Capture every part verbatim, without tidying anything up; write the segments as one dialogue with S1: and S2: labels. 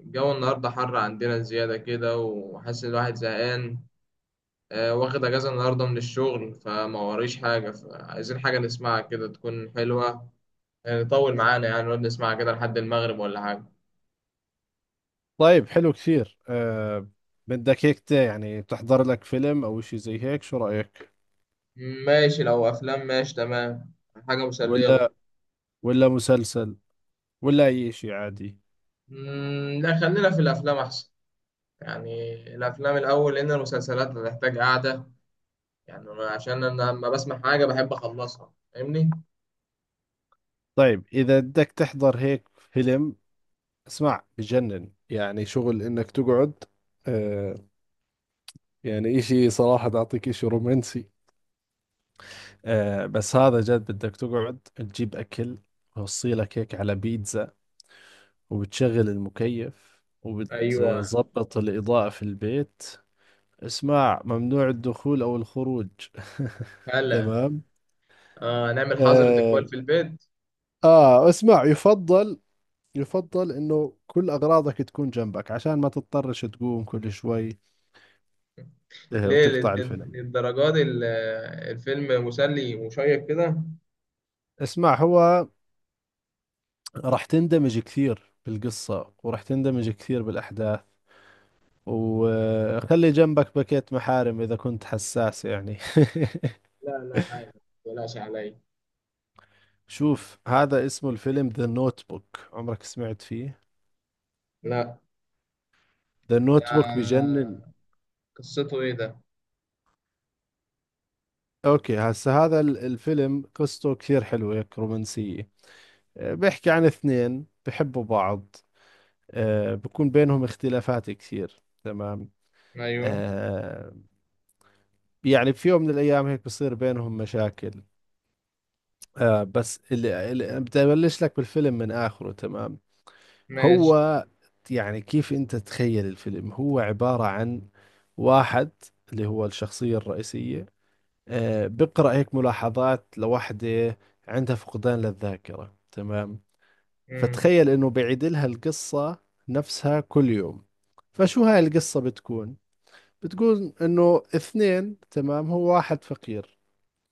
S1: الجو النهاردة حر عندنا زيادة كده، وحاسس إن الواحد زهقان. آه، واخد أجازة النهاردة من الشغل فما وريش حاجة، فعايزين حاجة نسمعها كده تكون حلوة. يعني طول معانا، يعني نقعد نسمعها كده لحد المغرب ولا حاجة.
S2: طيب، حلو كثير، أه. بدك هيك تا- يعني تحضر لك فيلم او اشي زي هيك، شو رأيك؟
S1: ماشي، لو أفلام ماشي تمام. حاجة مسلية برضه.
S2: ولا ولا مسلسل، ولا اي اشي عادي.
S1: مم، لا، خلينا في الأفلام أحسن. يعني الأفلام الأول، لأن المسلسلات هتحتاج قعدة. يعني أنا- عشان أنا لما بسمع حاجة بحب أخلصها، فاهمني؟
S2: طيب، اذا بدك تحضر هيك فيلم، اسمع بجنن، يعني شغل انك تقعد. أه، يعني اشي صراحة بعطيك اشي رومانسي. أه، بس هذا جد بدك تقعد تجيب اكل، وصيلك هيك على بيتزا، وبتشغل المكيف
S1: أيوه.
S2: وبتظبط الإضاءة في البيت. اسماع ممنوع الدخول أو الخروج.
S1: هلا.
S2: تمام.
S1: آه، نعمل حظر
S2: آه،
S1: تجوال في البيت.
S2: آه، اسمع، يفضل يفضل إنه كل أغراضك تكون جنبك عشان ما تضطرش تقوم كل شوي، آه،
S1: ليه لل-
S2: وتقطع الفيلم.
S1: للدرجات ال- الفيلم مسلي ومشيق كده.
S2: اسمع، هو راح تندمج كثير بالقصة، وراح تندمج كثير بالأحداث، وخلي جنبك باكيت محارم إذا كنت حساس يعني.
S1: لا لا، عادي، متقلقش عليا.
S2: شوف، هذا اسمه الفيلم ذا نوت بوك، عمرك سمعت فيه؟
S1: لا.
S2: ذا
S1: ده
S2: نوت بوك بجنن.
S1: قصته ايه ده؟
S2: اوكي، هسه هذا ال- الفيلم قصته كثير حلوة هيك، رومانسية. آه، بيحكي عن اثنين بحبوا بعض. آه، بكون بينهم اختلافات كثير، تمام.
S1: ايوه.
S2: آه، يعني في يوم من الايام هيك بصير بينهم مشاكل. آه، بس اللي اللي- بدي ابلش لك بالفيلم من اخره، تمام.
S1: ماشي.
S2: هو يعني كيف انت تتخيل الفيلم؟ هو عبارة عن واحد اللي هو الشخصية الرئيسية، آه، بقرأ هيك ملاحظات لوحدة عندها فقدان للذاكرة، تمام.
S1: امم.
S2: فتخيل إنه بعيد لها القصة نفسها كل يوم. فشو هاي القصة بتكون؟ بتكون إنه اثنين، تمام، هو واحد فقير،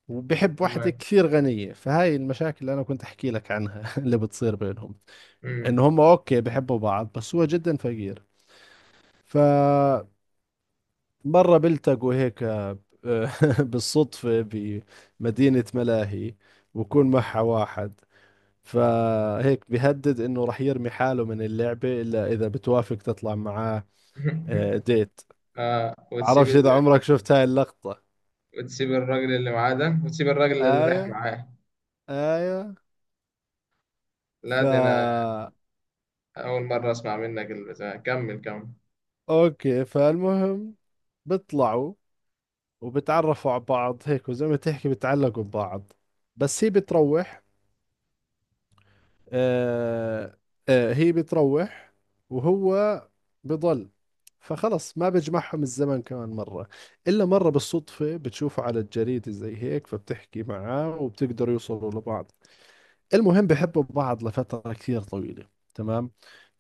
S2: وبحب واحدة
S1: تمام.
S2: كثير غنية، فهاي المشاكل اللي أنا كنت أحكي لك عنها، اللي بتصير بينهم.
S1: امم.
S2: إنه هم أوكي بحبوا بعض، بس هو جدا فقير. ف مرة بلتقوا هيك، آه، بالصدفة، بمدينة ملاهي، وكون معها واحد، فهيك بيهدد انه رح يرمي حاله من اللعبة الا اذا بتوافق تطلع معاه، آه، ديت.
S1: آه، وتسيب
S2: بعرفش اذا
S1: ال...
S2: عمرك شفت هاي اللقطة.
S1: وتسيب الراجل اللي معاه ده، وتسيب الراجل اللي رايح
S2: ايوه،
S1: معاه.
S2: ايوه.
S1: لا،
S2: فا
S1: ده انا اول مره اسمع منك البتاع، كمل كمل.
S2: اوكي، فالمهم بيطلعوا، وبتعرفوا على بعض هيك، وزي ما تحكي بتعلقوا ببعض، بس هي بتروح. آه، آه، هي بتروح، وهو بضل، فخلص ما بيجمعهم الزمن كمان مرة، إلا مرة بالصدفة بتشوفه على الجريدة زي هيك، فبتحكي معاه، وبتقدروا يوصلوا لبعض. المهم بحبوا بعض لفترة كثير طويلة، تمام،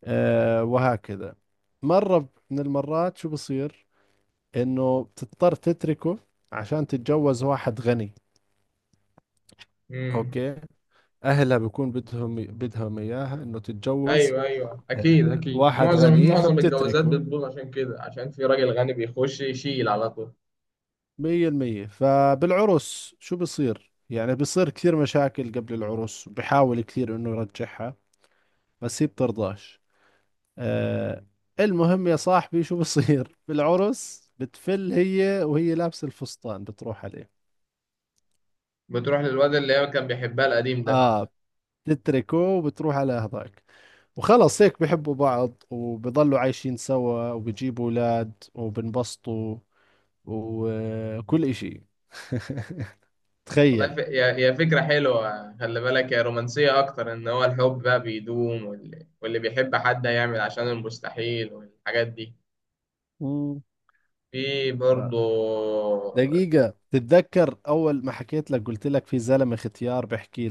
S2: آه وهكذا. مرة من المرات شو بصير؟ إنه بتضطر تتركه عشان تتجوز واحد غني.
S1: امم.
S2: أوكي، أهلها بكون بدهم بدهم إياها إنه تتجوز،
S1: ايوه ايوه، اكيد
S2: آه،
S1: اكيد،
S2: واحد
S1: معظم
S2: غني،
S1: معظم الجوازات
S2: فبتتركه.
S1: بتبوظ عشان كده، عشان في راجل غني بيخش يشيل على طول.
S2: مية المية. فبالعرس شو بصير يعني؟ بصير كثير مشاكل قبل العرس، وبحاول كثير انه يرجعها، بس هي بترضاش، آه. المهم يا صاحبي شو بصير بالعرس؟ بتفل هي وهي لابسة الفستان، بتروح عليه.
S1: بتروح للواد اللي هي كان بيحبها القديم ده.
S2: اه، بتتركه وبتروح على هذاك، وخلص هيك بحبوا بعض، وبضلوا عايشين سوا، وبجيبوا اولاد، وبنبسطوا، وكل اشي.
S1: والله ف...
S2: تخيل.
S1: هي هي فكرة حلوة. خلي بالك، هي رومانسية أكتر إن هو الحب بقى بيدوم، واللي, واللي بيحب حد هيعمل عشان المستحيل والحاجات دي.
S2: مم.
S1: في
S2: ف-
S1: برضه.
S2: دقيقة، تتذكر أول ما حكيت لك قلت لك في زلمة ختيار بحكي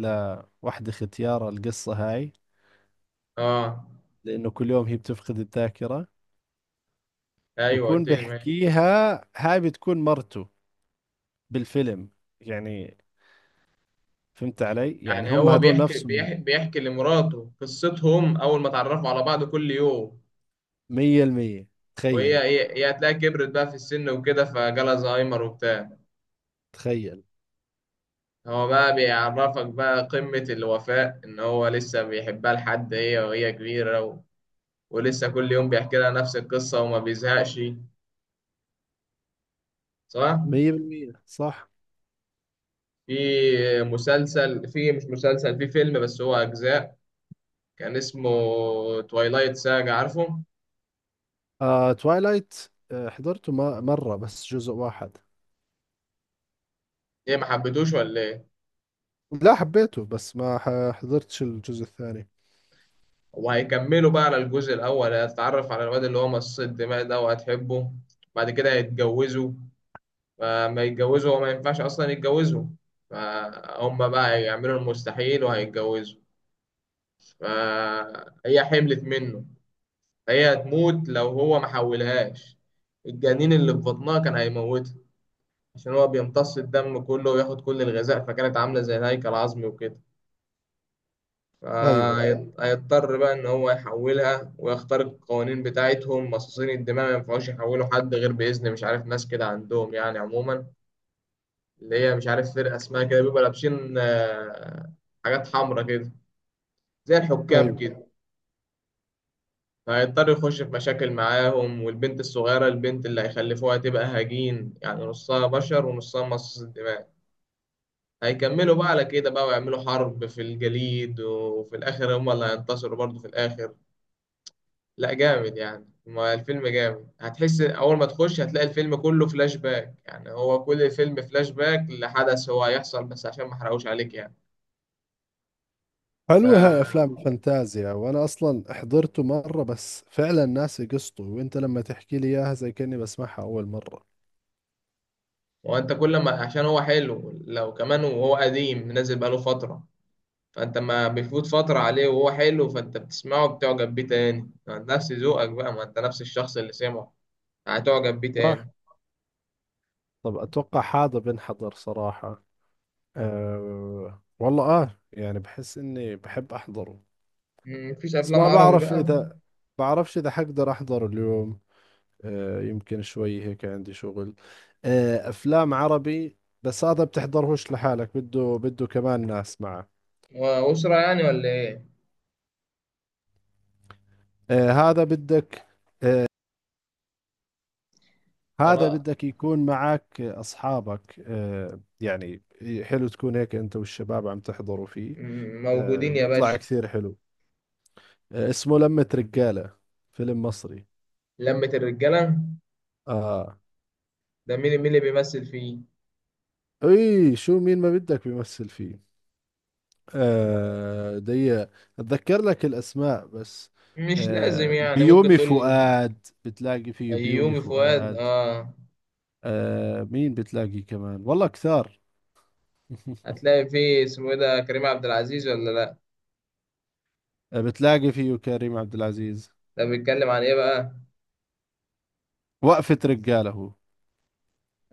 S2: لوحدة ختيار القصة هاي؟
S1: آه.
S2: لأنه كل يوم هي بتفقد الذاكرة.
S1: أيوه
S2: بكون
S1: قلت لي ماشي.
S2: بحكيها، هاي بتكون مرته بالفيلم يعني. فهمت علي؟ يعني
S1: يعني
S2: هم
S1: هو
S2: هذول
S1: بيحكي
S2: نفسهم.
S1: بيحكي, بيحكي لمراته قصتهم أول ما اتعرفوا على بعض كل يوم.
S2: مية المية.
S1: وهي
S2: تخيل.
S1: هي, هي هتلاقيها كبرت بقى في السن وكده، فجالها زهايمر وبتاع.
S2: تخيل.
S1: هو بقى بيعرفك بقى قمة الوفاء إن هو لسه بيحبها لحد هي وهي كبيرة، و... ولسه كل يوم بيحكي لها نفس القصة وما بيزهقش، صح؟
S2: مية بالمية صح.
S1: في مسلسل في مش مسلسل، في فيلم بس هو أجزاء، كان اسمه تويلايت ساجا، عارفه؟
S2: آه توايلايت، آه حضرته ما مرة بس جزء واحد.
S1: إيه، ما حبيتوش ولا إيه؟
S2: لا، حبيته، بس ما ح- حضرتش الجزء الثاني.
S1: وهيكملوا بقى، على الجزء الأول هتتعرف على الواد اللي هو مصاص الدماء ده، وهتحبه. بعد كده هيتجوزوا. فما يتجوزوا، هو ما ينفعش اصلا يتجوزوا. فهم بقى يعملوا المستحيل وهيتجوزوا. فهي حملت منه. هي هتموت لو هو ما حولهاش، الجنين اللي في بطنها كان هيموتها، عشان هو بيمتص الدم كله وياخد كل الغذاء، فكانت عاملة زي الهيكل العظمي وكده.
S2: أيوة،
S1: فهيضطر بقى إن هو يحولها ويخترق القوانين بتاعتهم. مصاصين الدماء ما ينفعوش يحولوا حد غير بإذن، مش عارف، ناس كده عندهم يعني. عموما اللي هي، مش عارف، فرقة اسمها كده بيبقوا لابسين آه، حاجات حمراء كده، زي الحكام
S2: أيوة.
S1: كده. هيضطر يخش في مشاكل معاهم. والبنت الصغيرة، البنت اللي هيخلفوها، تبقى هجين يعني، نصها بشر ونصها مصاص الدماء. هيكملوا بقى على كده بقى، ويعملوا حرب في الجليد، وفي الآخر هما اللي هينتصروا برضه في الآخر. لا جامد يعني، ما الفيلم جامد. هتحس أول ما تخش هتلاقي الفيلم كله فلاش باك، يعني هو كل الفيلم فلاش باك لحدث هو هيحصل، بس عشان ما احرقوش عليك يعني. ف...
S2: حلوة هاي أفلام الفانتازيا، وأنا أصلا حضرته مرة، بس فعلا ناسي قصته، وأنت لما تحكي لي إياها زي كأني بسمعها أول مرة.
S1: هو انت كل ما، عشان هو حلو لو كمان وهو قديم نازل بقاله فترة، فانت ما بيفوت فترة عليه وهو حلو، فانت بتسمعه بتعجب بيه تاني نفس ذوقك بقى، ما انت نفس الشخص اللي سمعه، هتعجب بيه
S2: صح.
S1: تاني.
S2: طب أتوقع هذا بنحضر صراحة. أه والله، آه يعني بحس إني بحب أحضره.
S1: مم، مفيش
S2: بس
S1: افلام
S2: ما
S1: عربي
S2: بعرف
S1: بقى؟
S2: إذا، بعرفش إذا حقدر أحضره اليوم. أه يمكن شوي هيك عندي شغل. أه، أفلام عربي. بس هذا بتحضرهوش لحالك، بده بده كمان ناس معه.
S1: وأسرة يعني ولا ايه؟
S2: آه، هذا بدك هذا
S1: خلاص.
S2: بدك يكون معك أصحابك، آه، يعني. حلو تكون هيك أنت والشباب عم تحضروا فيه.
S1: مم،
S2: آه،
S1: موجودين يا
S2: بيطلع
S1: باشا.
S2: كثير حلو، آه، اسمه لمة رجالة، فيلم مصري.
S1: لمة الرجالة.
S2: آه،
S1: ده مين مين اللي بيمثل فيه؟
S2: إي شو مين ما بدك بيمثل فيه؟ آه دي، أتذكر لك الأسماء بس.
S1: مش لازم
S2: آه،
S1: يعني، ممكن
S2: بيومي
S1: تقول.
S2: فؤاد، بتلاقي فيه بيومي
S1: أيومي فؤاد،
S2: فؤاد،
S1: اه.
S2: آه مين بتلاقي كمان، والله كثار.
S1: هتلاقي فيه، اسمه ايه ده، كريم عبد العزيز ولا لا؟
S2: آه، بتلاقي فيه كريم عبد العزيز،
S1: ده بيتكلم عن ايه بقى؟
S2: وقفة رجالة هو.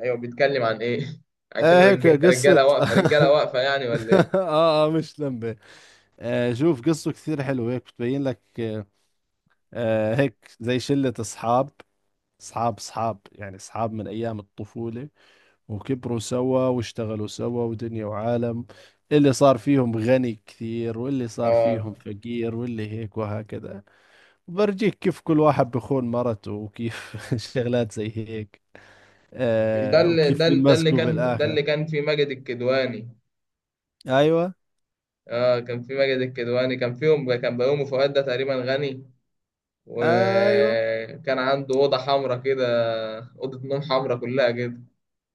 S1: ايوه، بيتكلم عن ايه؟
S2: آه
S1: عشان
S2: هيك
S1: رج-
S2: قصة.
S1: رجاله واقفه رجاله واقفه يعني ولا ايه؟
S2: آه، آه مش لمبة. آه شوف قصته كثير حلوة، هيك بتبين لك، آه، آه، هيك زي شلة أصحاب، أصحاب أصحاب يعني، أصحاب من أيام الطفولة، وكبروا سوا، واشتغلوا سوا، ودنيا وعالم، اللي صار فيهم غني كثير، واللي صار
S1: اه،
S2: فيهم فقير، واللي هيك وهكذا. برجيك كيف كل واحد بخون مرته، وكيف شغلات زي هيك،
S1: مش ده
S2: آه
S1: اللي ده
S2: وكيف
S1: اللي- ده اللي
S2: بنمسكوا
S1: كان ده
S2: بالآخر.
S1: اللي كان في ماجد الكدواني.
S2: أيوة،
S1: اه، كان في ماجد الكدواني، كان فيهم، كان بيومي فؤاد ده تقريبا غني.
S2: أيوة،
S1: وكان عنده اوضه حمراء كده، اوضه نوم حمراء كلها كده.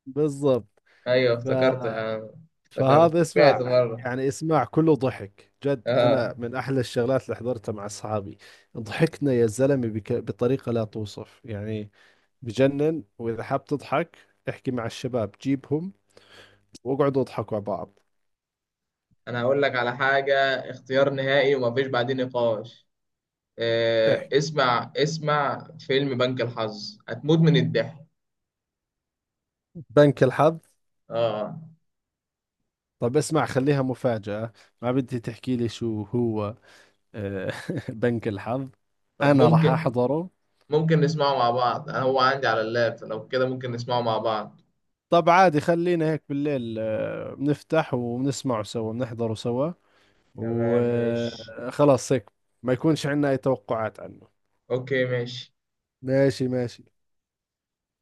S2: بالضبط.
S1: ايوه
S2: ف...
S1: افتكرت يعني، افتكرت
S2: فهذا
S1: سمعت
S2: اسمع
S1: مره.
S2: يعني، اسمع كله ضحك جد،
S1: اه،
S2: انا من احلى الشغلات اللي حضرتها مع اصحابي. ضحكنا يا زلمه بك... بطريقه لا توصف يعني، بجنن. واذا حاب تضحك احكي مع الشباب، جيبهم واقعدوا اضحكوا على بعض.
S1: انا هقول لك على حاجه، اختيار نهائي ومفيش بعدين نقاش. آه،
S2: احكي
S1: اسمع اسمع فيلم بنك الحظ، هتموت من الضحك.
S2: بنك الحظ.
S1: اه
S2: طب اسمع، خليها مفاجأة، ما بدي تحكي لي شو هو، آه، بنك الحظ،
S1: طب
S2: انا راح
S1: ممكن،
S2: احضره.
S1: ممكن نسمعه مع بعض، انا هو عندي على اللاب لو كده ممكن نسمعه مع بعض.
S2: طب عادي، خلينا هيك بالليل، آه، بنفتح وبنسمعه سوا، بنحضره سوا،
S1: تمام ماشي.
S2: وخلاص هيك. ما يكونش عندنا اي توقعات عنه.
S1: اوكي ماشي.
S2: ماشي، ماشي.